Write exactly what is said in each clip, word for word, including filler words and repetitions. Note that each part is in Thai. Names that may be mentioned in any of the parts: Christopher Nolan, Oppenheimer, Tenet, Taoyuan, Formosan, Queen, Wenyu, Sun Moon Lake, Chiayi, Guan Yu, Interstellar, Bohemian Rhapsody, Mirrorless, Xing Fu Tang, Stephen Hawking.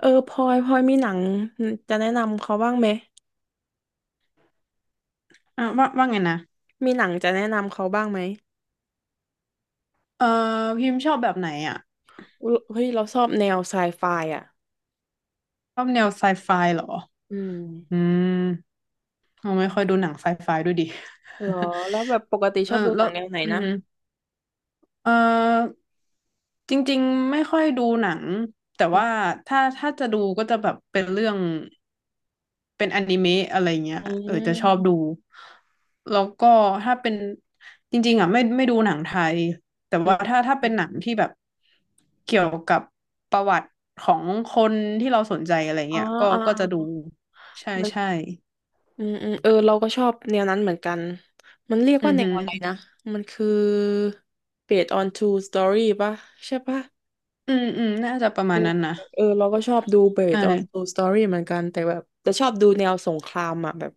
เออพลอยพลอยมีหนังจะแนะนำเขาบ้างไหมอ่ะว่าว่าไงนะมีหนังจะแนะนำเขาบ้างไหมเออพิมพ์ชอบแบบไหนอ่ะอุ๊ยเฮ้ยเราชอบแนวไซไฟอ่ะชอบแนวไซไฟเหรอ อืมอืมเราไม่ค่อยดูหนังไซไฟด้วยดิ เหรอแล้วแบบปกติ ชแล้อบวดูหแล้นัวงแนวไหนอืนะม เออจริงๆไม่ค่อยดูหนังแต่อืมว่าถ้าถ้าจะดูก็จะแบบเป็นเรื่องเป็นอนิเมะอะไรเงี้ยอเออจะชอืบดูแล้วก็ถ้าเป็นจริงๆอ่ะไม่ไม่ดูหนังไทยแต่มว่าถ้าถ้าอืเป็นมหนังที่แบบเกี่ยวกับประวัติของคนที่เราสนใจอะไรอ๋อเงี้ยก็อ๋อก็อ๋จะดูอใช่มันใช่อืมอืมเออเราก็ชอบแนวนั้นเหมือนกันมันเรียกอืว่าอแนฮึวอะไรนะมันคือ based on true story ป่ะใช่ป่ะอืมอืมน่าจะประเอมาอณนั้นนะเออเราก็ชอบดู ใช based on ่ true story เหมือนกันแต่แบบจะชอบดูแนวสงครามอ่ะแบบ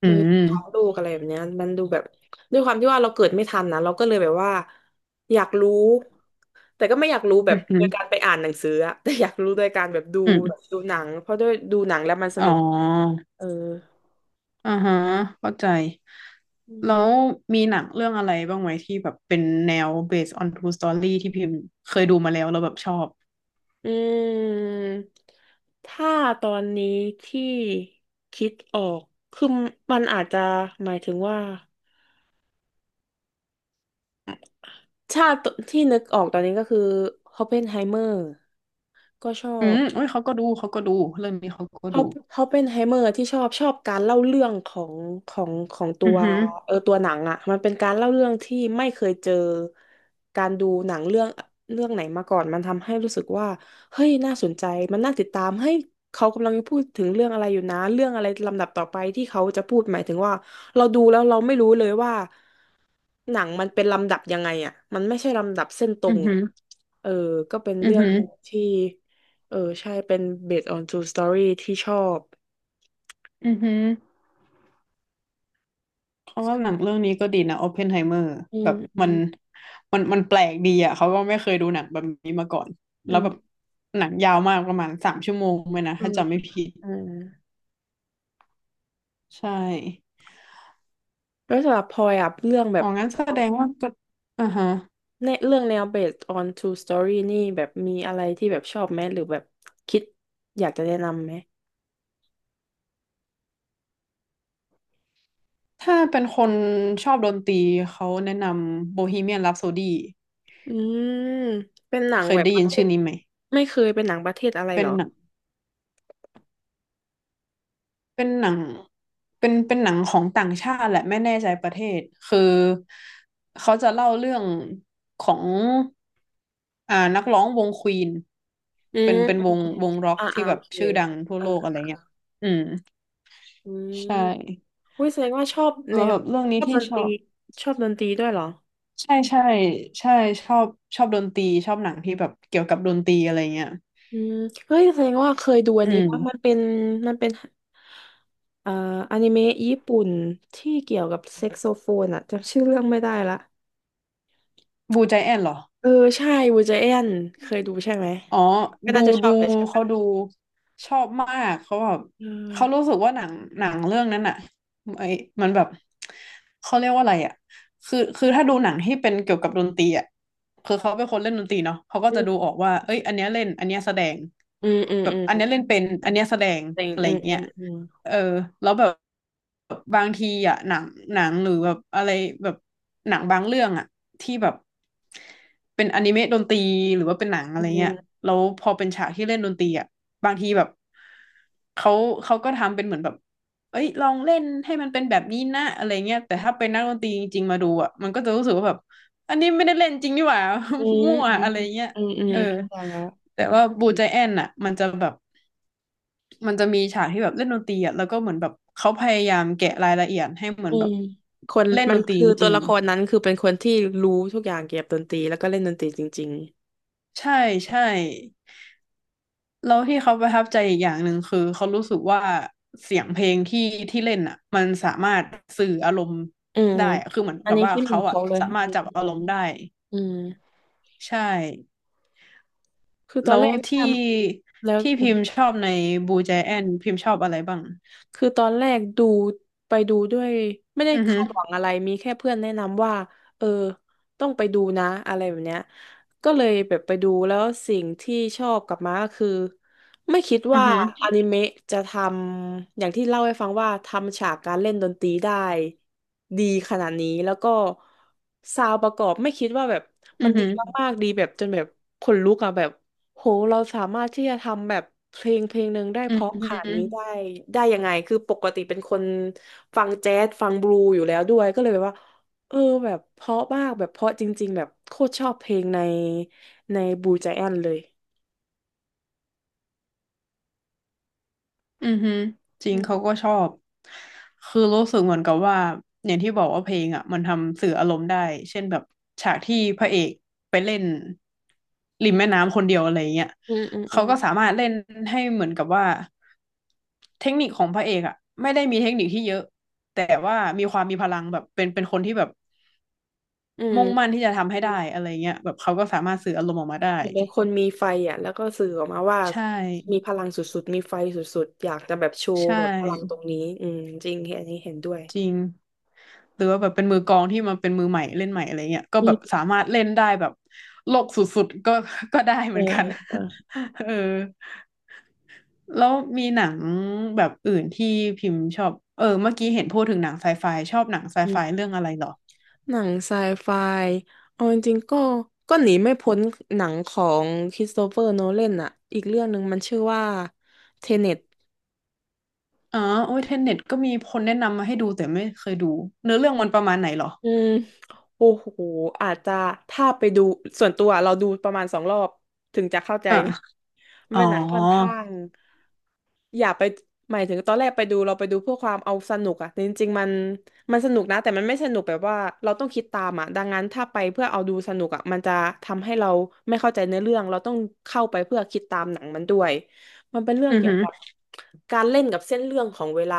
เออือท้องมลูกอะไรแบบเนี้ยมันดูแบบด้วยความที่ว่าเราเกิดไม่ทันนะเราก็เลยแบบว่าอยากรู้แต่ก็ไม่อยากรู้แบอืบอฮึโดยการไปอ่านหนังสืออะ แต่อยากรู้โดยการแบบดูอืแบบมดูหนังเพราะด้วยดูหนังแล้วมันสอ๋อ นุกเอออ่าฮะเข้าใจ อืมแล้วมีหนังเรื่องอะไรบ้างไหมที่แบบเป็นแนว based on true story ที่พิมพ์เคยดูมาแล้วแล้วแบบชอบ อืมถ้าตอนนี้ที่คิดออกคือมันอาจจะหมายถึงว่าชาติที่นึกออกตอนนี้ก็คือ ออปเพนไฮเมอร์ก็ชออืบ มเอ้ยเขาก็ดู เขาก็ดู เรื่องนี้เขาก็เขาดู เขาเป็นไฮเมอร์ที่ชอบชอบการเล่าเรื่องของของของตัอืวอหือเออตัวหนังอ่ะมันเป็นการเล่าเรื่องที่ไม่เคยเจอการดูหนังเรื่องเรื่องไหนมาก่อนมันทำให้รู้สึกว่าเฮ้ยน่าสนใจมันน่าติดตามเฮ้ยเขากำลังพูดถึงเรื่องอะไรอยู่นะเรื่องอะไรลำดับต่อไปที่เขาจะพูดหมายถึงว่าเราดูแล้วเราไม่รู้เลยว่า หนังมันเป็นลำดับยังไงอ่ะมันไม่ใช่ลำดับเส้นตรอืงอหือะอเออ ก็เป็นอือเรื่องหือที่ เออ ใช่เป็น based on true story ที่ชอบอือหือเพราะว่าหนังเรื่องนี้ก็ดีนะ Oppenheimer อืแบม บอืมัมน มันมันแปลกดีอ่ะเขาก็ไม่เคยดูหนังแบบนี้มาก่อน อืแล้วแบบมหนังยาวมากประมาณสามชั่วโมงเลยนะอืถ้ามจำไม่ผิด อืมใช่แล้วสำหรับพลอยอ่ะ เรื่องแบอ๋อบงั้นแสดงว่าก็อ่าฮะ ในเรื่องแนว based on true story นี่แบบมีอะไรที่แบบชอบไหมหรือแบบคิดอยากจะแนะนำไหมถ้าเป็นคนชอบดนตรีเขาแนะนำโบฮีเมียน h ัปโซดีอืมเป็นหนังเคยแบบได้ประยินเทชื่ศอนี้ไหมไม่เคยเป็นหนังประเทศอะไรเป็เหรนอหนังเป็นหนังเป็นเป็นหนังของต่างชาติแหละไม่แน่ใจประเทศคือเขาจะเล่าเรื่องของอ่านักร้องวงควีนอืเป็มนเป็นอวมงอืมวงร็อกอ่าที่อ่าแบโอบเคชื่อดังทั่วอ่าโลกอะไรอ่าเงี้ยอืมอืม ใช่วิ้ยแสดงว่าชอบแนแล้ววแบบเรื่องชนี้อบที่ดนชตอรีบชอบดนตรีด้วยเหรอใช่ใช่ใช่ชอบชอบดนตรีชอบหนังที่แบบเกี่ยวกับดนตรีอะไรเงี้ยอืมเฮ้ยแสดงว่าเคยดูอันอืนี้ม ปะมันเป็นมันเป็นเอ่ออนิเมะญี่ปุ่นที่เกี่ยวกับแซกโซโฟนอะจำชื่อเรื่องไม่ได้ละบูใจแอนเหรอ เออใช่วูจแอนเคยดูใช่ไหมอ๋อ ก็ดูน่าจะชดูอบเลยใช่เขาปะดูชอบมาก เขาแบบเอเขารู้อสึกว่าหนังหนังเรื่องนั้นอะไอ้มันแบบเขาเรียกว่าอะไรอะคือคือถ้าดูหนังที่เป็นเกี่ยวกับดนตรีอะ คือเขาเป็นคนเล่นดนตรีเนาะเขาก็อืจะดูมออกว่าเอ้ยอันเนี้ยเล่นอันเนี้ยแสดงอืมอืมแบบอืมอันเนี้ยเล่นเป็นอันเนี้ยแสดงแต่งอะไรอืมอืเงี้ยมอเออแล้วแบบบางทีอะหนังหนังหรือแบบอะไรแบบหนังบางเรื่องอะที่แบบเป็นอนิเมะดนตรีหรือว่าเป็นหนังอะืไรเงี้มยแล้วพอเป็นฉากที่เล่นดนตรีอะบางทีแบบเขาเขาก็ทำเป็นเหมือนแบบเอ้ยลองเล่นให้มันเป็นแบบนี้นะอะไรเงี้ยแต่ถ้าเป็นนักดนตรีจริงๆมาดูอ่ะมันก็จะรู้สึกว่าแบบ อันนี้ไม่ได้เล่นจริงนี่หว่า อื มมั่วอืมอะไรอืมเงี้ยอืมอืมอืมอืมเอออืมอืม แต่ว่าบูใจแอนน่ะมันจะแบบมันจะมีฉากที่แบบเล่นดนตรีอ่ะแล้วก็เหมือนแบบเขาพยายามแกะรายละเอียดให้เหมืออืนแบบมคนเล่นมัดนนตรีคือจตัวริงละครนั้นคือเป็นคนที่รู้ทุกอย่างเกี่ยวกับดนตรีแล้วก็เล่นดนตรีจริงๆใช่ใช่แล้วที่เขาประทับใจอีกอย่างหนึ่งคือเขารู้สึกว่าเสียงเพลงที่ที่เล่นอ่ะมันสามารถสื่ออารมณ์ๆอืมได้อะคือเหมือนอันกับนี้ว่าคิดเหมืเขาอนอ่ะเขาเลยสามารอืถจับมอารมณ์ได้อืมใช่ คือตอแล้นวแรกทที่ำแล้วที่อืพิมมพ์ชอบในบูแจแอนพิมพ์ชอบอะไรบ้างคือตอนแรกดูไปดูด้วยไม่ได้อือฮึคาดหวังอะไรมีแค่เพื่อนแนะนำว่าเออต้องไปดูนะอะไรแบบเนี้ยก็เลยแบบไปดูแล้วสิ่งที่ชอบกลับมาก็คือ ไม่คิดอือว่าฮึอนิเมะจะทำอย่างที่เล่าให้ฟังว่าทำฉากการเล่นดนตรีได้ดีขนาดนี้แล้วก็ซาวด์ประกอบไม่คิดว่าแบบอืมัอนดีฮึมากๆดีแบบจนแบบขนลุกอะแบบโหเราสามารถที่จะทำแบบเพลงเพลงหนึ่งได้อืเพอราะฮขนาดึนี้ได้ได้ยังไงคือปกติเป็นคนฟังแจ๊สฟังบลูอยู่แล้วด้วยก็เลยแบบว่าเออแบบเพราะมากแบบเพราะจริงๆแบบโคตรชอบเพลงในในบลูไจแอนเลยอือฮึจริอืงเขามก็ชอบคือรู้สึกเหมือนกับว่าอย่างที่บอกว่าเพลงอ่ะมันทำสื่ออารมณ์ได้เช่นแบบฉากที่พระเอกไปเล่นริมแม่น้ำคนเดียวอะไรเงี้ยอืมอืมอืเขาม ก็สามารถเล่นให้เหมือนกับว่าเทคนิคของพระเอกอ่ะไม่ได้มีเทคนิคที่เยอะแต่ว่ามีความมีพลังแบบเป็นเป็นคนที่แบบ อืมมุ่งมั่นที่จะทำให้เได้อะไรเงี้ยแบบเขาก็สามารถสื่ออารมณ์ออกมาได้ห็นเป็นคนมีไฟอ่ะแล้วก็สื่อออกมาว่าใช่มีพลังสุดๆมีไฟสุดๆอยากจะแบบโชว์ใช่แบบพลังตรงนี้อืมจริงเห็นอันนี้เห็นด้วยจริงหรือว่าแบบเป็นมือกลองที่มันเป็นมือใหม่เล่นใหม่อะไรเงี้ยก็อืแบบมสามารถเล่นได้แบบโลกสุดๆก็ ก็ได้เหเอมืออนกัเออน เออ เออแล้วมีหนังแบบอื่นที่พิมพ์ชอบเออเมื่อกี้เห็นพูดถึงหนังไซไฟชอบหนังไซอืไฟเรื่อมงอะไรเหรอหนังไซไฟเอาจริงๆก็ก็หนีไม่พ้นหนังของคริสโตเฟอร์โนแลนอ่ะอีกเรื่องหนึ่งมันชื่อว่าเทเน็ตอ๋อโอ้ยเทนเน็ตก็มีคนแนะนำมาให้ดูแต่ไม่เคยดูเนื้อเรื่องมันประมาณไหนเหรออืมโอ้โหอาจจะถ้าไปดูส่วนตัวเราดูประมาณสองรอบถึงจะเข้าใจ อ่ะมันอ๋อเป็นหนังค่อนข้างอย่าไปหมายถึงตอนแรกไปดูเราไปดูเพื่อความเอาสนุกอะแต่จริงๆมันมันสนุกนะแต่มันไม่สนุกแบบว่าเราต้องคิดตามอะดังนั้นถ้าไปเพื่อเอาดูสนุกอะมันจะทำให้เราไม่เข้าใจเนื้อเรื่องเราต้องเข้าไปเพื่อคิดตามหนังมันด้วยมันเป็นเรื่องอือเกี่ยหืวอกับ การเล่นกับเส้นเรื่องของเวลา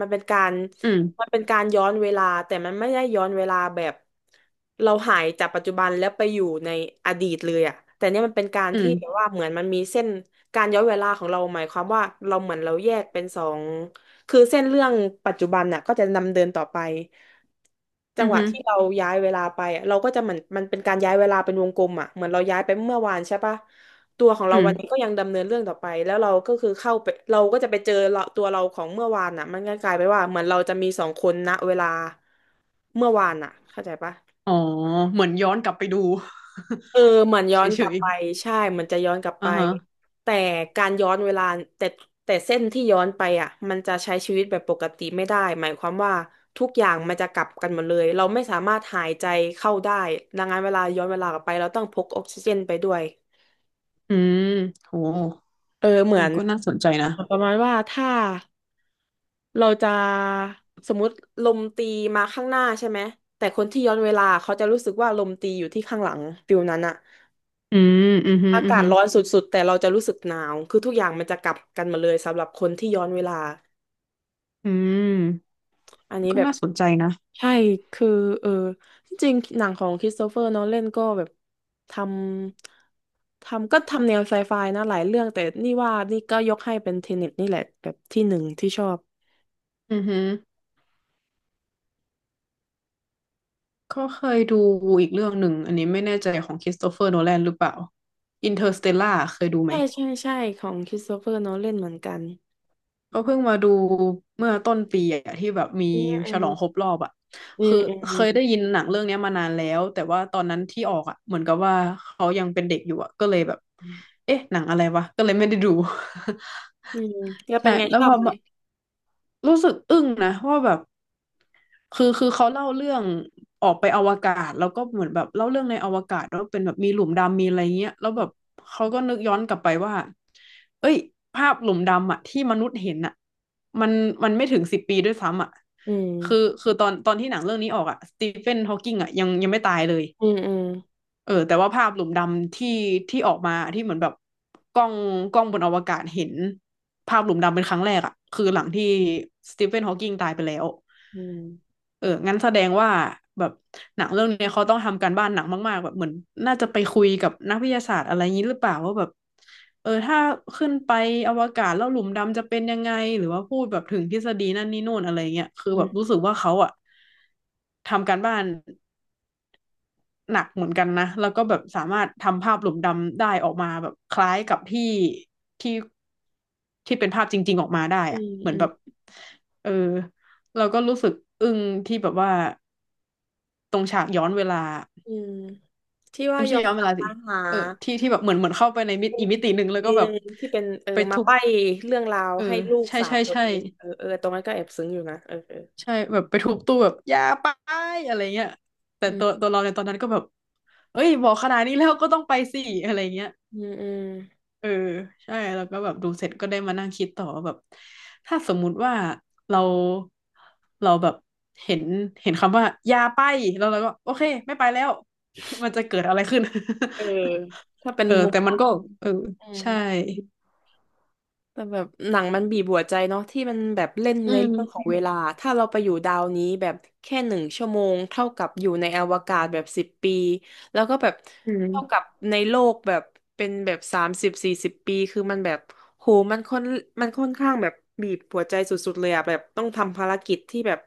มันเป็นการ อืมมันเป็นการย้อนเวลาแต่มันไม่ได้ย้อนเวลาแบบเราหายจากปัจจุบันแล้วไปอยู่ในอดีตเลยอะแต่เนี่ยมันเป็นการอืที่แบบม ว่าเหมือนมันมีเส้นการย้อนเวลาของเราหมายความว่าเราเหมือนเราแยกเป็นสองคือเส้นเรื่องปัจจุบันน่ะก็จะดำเดินต่อไปจังอือหวะฮึที่เราย้ายเวลาไปอะเราก็จะเหมือนมันเป็นการย้ายเวลาเป็นวงกลมอ่ะเหมือนเราย้ายไปเมื่อวานใช่ปะ ตัวของอืเรามวันนี้ก็ยังดำเนินเรื่องต่อไปแล้วเราก็คือเข้าไปเราก็จะไปเจอเราตัวเราของเมื่อวานน่ะมันก็กลายไปว่าเหมือนเราจะมีสองคนณเวลาเมื่อวานน่ะเข้าใจปะอ๋อเหมือนย้อนกลับไปดู เออเหมือน ย้อนกเฉลับยไปใช่เหมือนจะย้อนกลับๆไปอ่าฮะแต่การย้อนเวลาแต่แต่เส้นที่ย้อนไปอ่ะมันจะใช้ชีวิตแบบปกติไม่ได้หมายความว่าทุกอย่างมันจะกลับกันหมดเลยเราไม่สามารถหายใจเข้าได้ดังนั้นเวลาย้อนเวลากลับไปเราต้องพกออกซิเจนไปด้วยอืมโหเออเหเอมืออนก็น่าสนใจนะประมาณว่าถ้า เราจะสมมุติลมตีมาข้างหน้าใช่ไหมแต่คนที่ย้อนเวลาเขาจะรู้สึกว่าลมตีอยู่ที่ข้างหลังฟิลนั้นอะอืมอือฮึอาอือกาศฮึร้อนสุดๆแต่เราจะรู้สึกหนาวคือทุกอย่างมันจะกลับกันมาเลยสำหรับคนที่ย้อนเวลาอืมอันนี้ก็แบบน่าสนใจนะใช่คือเออจริงๆหนังของคริสโตเฟอร์นอนแลนก็แบบทำทำก็ทำแนวไซไฟนะหลายเรื่องแต่นี่ว่านี่ก็ยกให้เป็นเทเน็ตนี่แหละแบบที่หนึ่งที่ชอบอือฮึก็เคยดูอีกเรื่องหนึ่ง อันนี้ไม่แน่ใจของคริสโตเฟอร์โนแลนหรือเปล่า อินเตอร์สเตลล่าเคยดูไหม ใช่ใช่ใช่ของคริสโตเฟอร์นอนแลนเหมือนกันก็เพิ่งมาดูเมื่อต้นปีอะที่แบบมีอืฉลองครบม รอบอะอืมคืออืมเคอืมยได้ยินหนังเรื่องเนี้ยมานานแล้วแต่ว่าตอนนั้นที่ออกอะเหมือนกับว่าเขายังเป็นเด็กอยู่อะก็เลยแบบเอ๊ะหนังอะไรวะก็เลยไม่ได้ดู อืมแล้ว เป็ใช่นไงแล้ชวอพบอไหมมา รู้สึกอึ้งนะว่าแบบคือคือเขาเล่าเรื่องออกไปอวกาศแล้วก็เหมือนแบบเล่าเรื่องในอวกาศว่าเป็นแบบมีหลุมดำมีอะไรเงี้ยแล้วแบบเขาก็นึกย้อนกลับไปว่าเอ้ยภาพหลุมดำอะที่มนุษย์เห็นอะมันมันไม่ถึงสิบปีด้วยซ้ำอะอืคือมคือตอนตอนที่หนังเรื่องนี้ออกอะสตีเฟนฮอว์กิงอะยังยังไม่ตายเลย อืมอืมเออแต่ว่าภาพหลุมดำที่ที่ออกมาที่เหมือนแบบกล้องกล้องบนอวกาศเห็นภาพหลุมดำเป็นครั้งแรกอะคือหลังที่สตีเฟนฮอว์กิงตายไปแล้วอืมเอองั้นแสดงว่าแบบหนังเรื่องเนี้ยเขาต้องทำการบ้านหนักมากๆแบบเหมือนน่าจะไปคุยกับนักวิทยาศาสตร์อะไรอย่างนี้หรือเปล่าว่าแบบเออถ้าขึ้นไปอวกาศแล้วหลุมดำจะเป็นยังไงหรือว่าพูดแบบถึงทฤษฎีนั่นนี่โน่นอะไรเงี้ยคืออืแบบมรู้สึกว่าเขาอะทำการบ้าน หนักเหมือนกันนะแล้วก็แบบสามารถทำภาพหลุมดำได้ออกมาแบบคล้ายกับที่ที่ที่เป็นภาพจริงๆออกมาได้อือะมเหมืออืนแบมบเออเราก็รู้สึกอึ้งที่แบบว่าตรงฉากย้อนเวลาอืมที่ว่าไม่ยใช่อมย้อนกเวลับลาสิมาหาเออที่ที่แบบเหมือนเหมือนเข้าไปในมิเป็ตินอีกอีมิกติหนึ่งแล้วก็เรื่แบอบงที่เป็นเออไปมาทุบใบ้เรื่องราวเออให้ลูกใช่สาวใช่ตัวใช่เองเออเออตรงนั้นก็แอบซึ้งอยู่นะเออเออใช่แบบไปทุบตู้แบบอย่าไปอะไรเงี้ยแต่อืตัวมตัวเราในตอนนั้นก็แบบเอ้ยบอกขนาดนี้แล้วก็ต้องไปสิอะไรเงี้ย อืมอืมเออใช่แล้วก็แบบดูเสร็จก็ได้มานั่งคิดต่อว่าแบบถ้าสมมุติว่าเราเราแบบเห็นเห็นคำว่ายาไปแล้วเราก็โอเคไม่ไปแล้ว มันจะเกิดอะไรขึ้น เออถ้า เป็นเออมุมแต่มมันอก็งเอออืม ใช่แต่แบบหนังมันบีบหัวใจเนาะที่มันแบบเล่นอืในเรื่องของมเวลาถ้าเราไปอยู่ดาวนี้แบบแค่หนึ่งชั่วโมงเท่ากับอยู่ในอวกาศแบบสิบปีแล้วก็แบบอืเท่ากับมในโลกแบบเป็นแบบสามสิบสี่สิบปีคือมันแบบโหมันค่อนมันค่อนข้างแบบบีบหัวใจสุดๆเลยอะแบบต้องทำภารกิจที่แบบ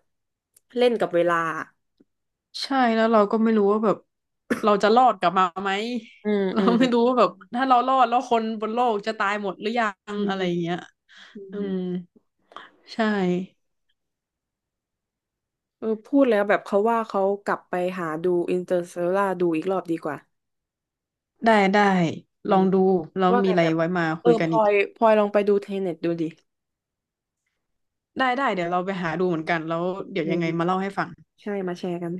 เล่นกับเวลาใช่แล้วเราก็ไม่รู้ว่าแบบเราจะรอดกลับมาไหม อืม เราอืมไม่รู้ว่าแบบถ้าเรารอดแล้วคนบนโลกจะตายหมดหรือยังอือะไรอย่างเงี้ยมอือืมมใช่ เออพูดแล้วแบบเขาว่าเขากลับไปหาดูอินเตอร์ l เ a ลาดูอีกรอบดีกว่าได้ได้อืลม องดูแล้วว่ามีแต่อะไรแบบไว้มาเอคุอยกัพนลอีอกยพลอยลองไปดูเทเน็ตดูดิได้ได้เดี๋ยวเราไปหาดูเหมือนกันแล้วเดี๋ยวอืยังมไงมาเล่าให้ฟังใช่มาแชร์กัน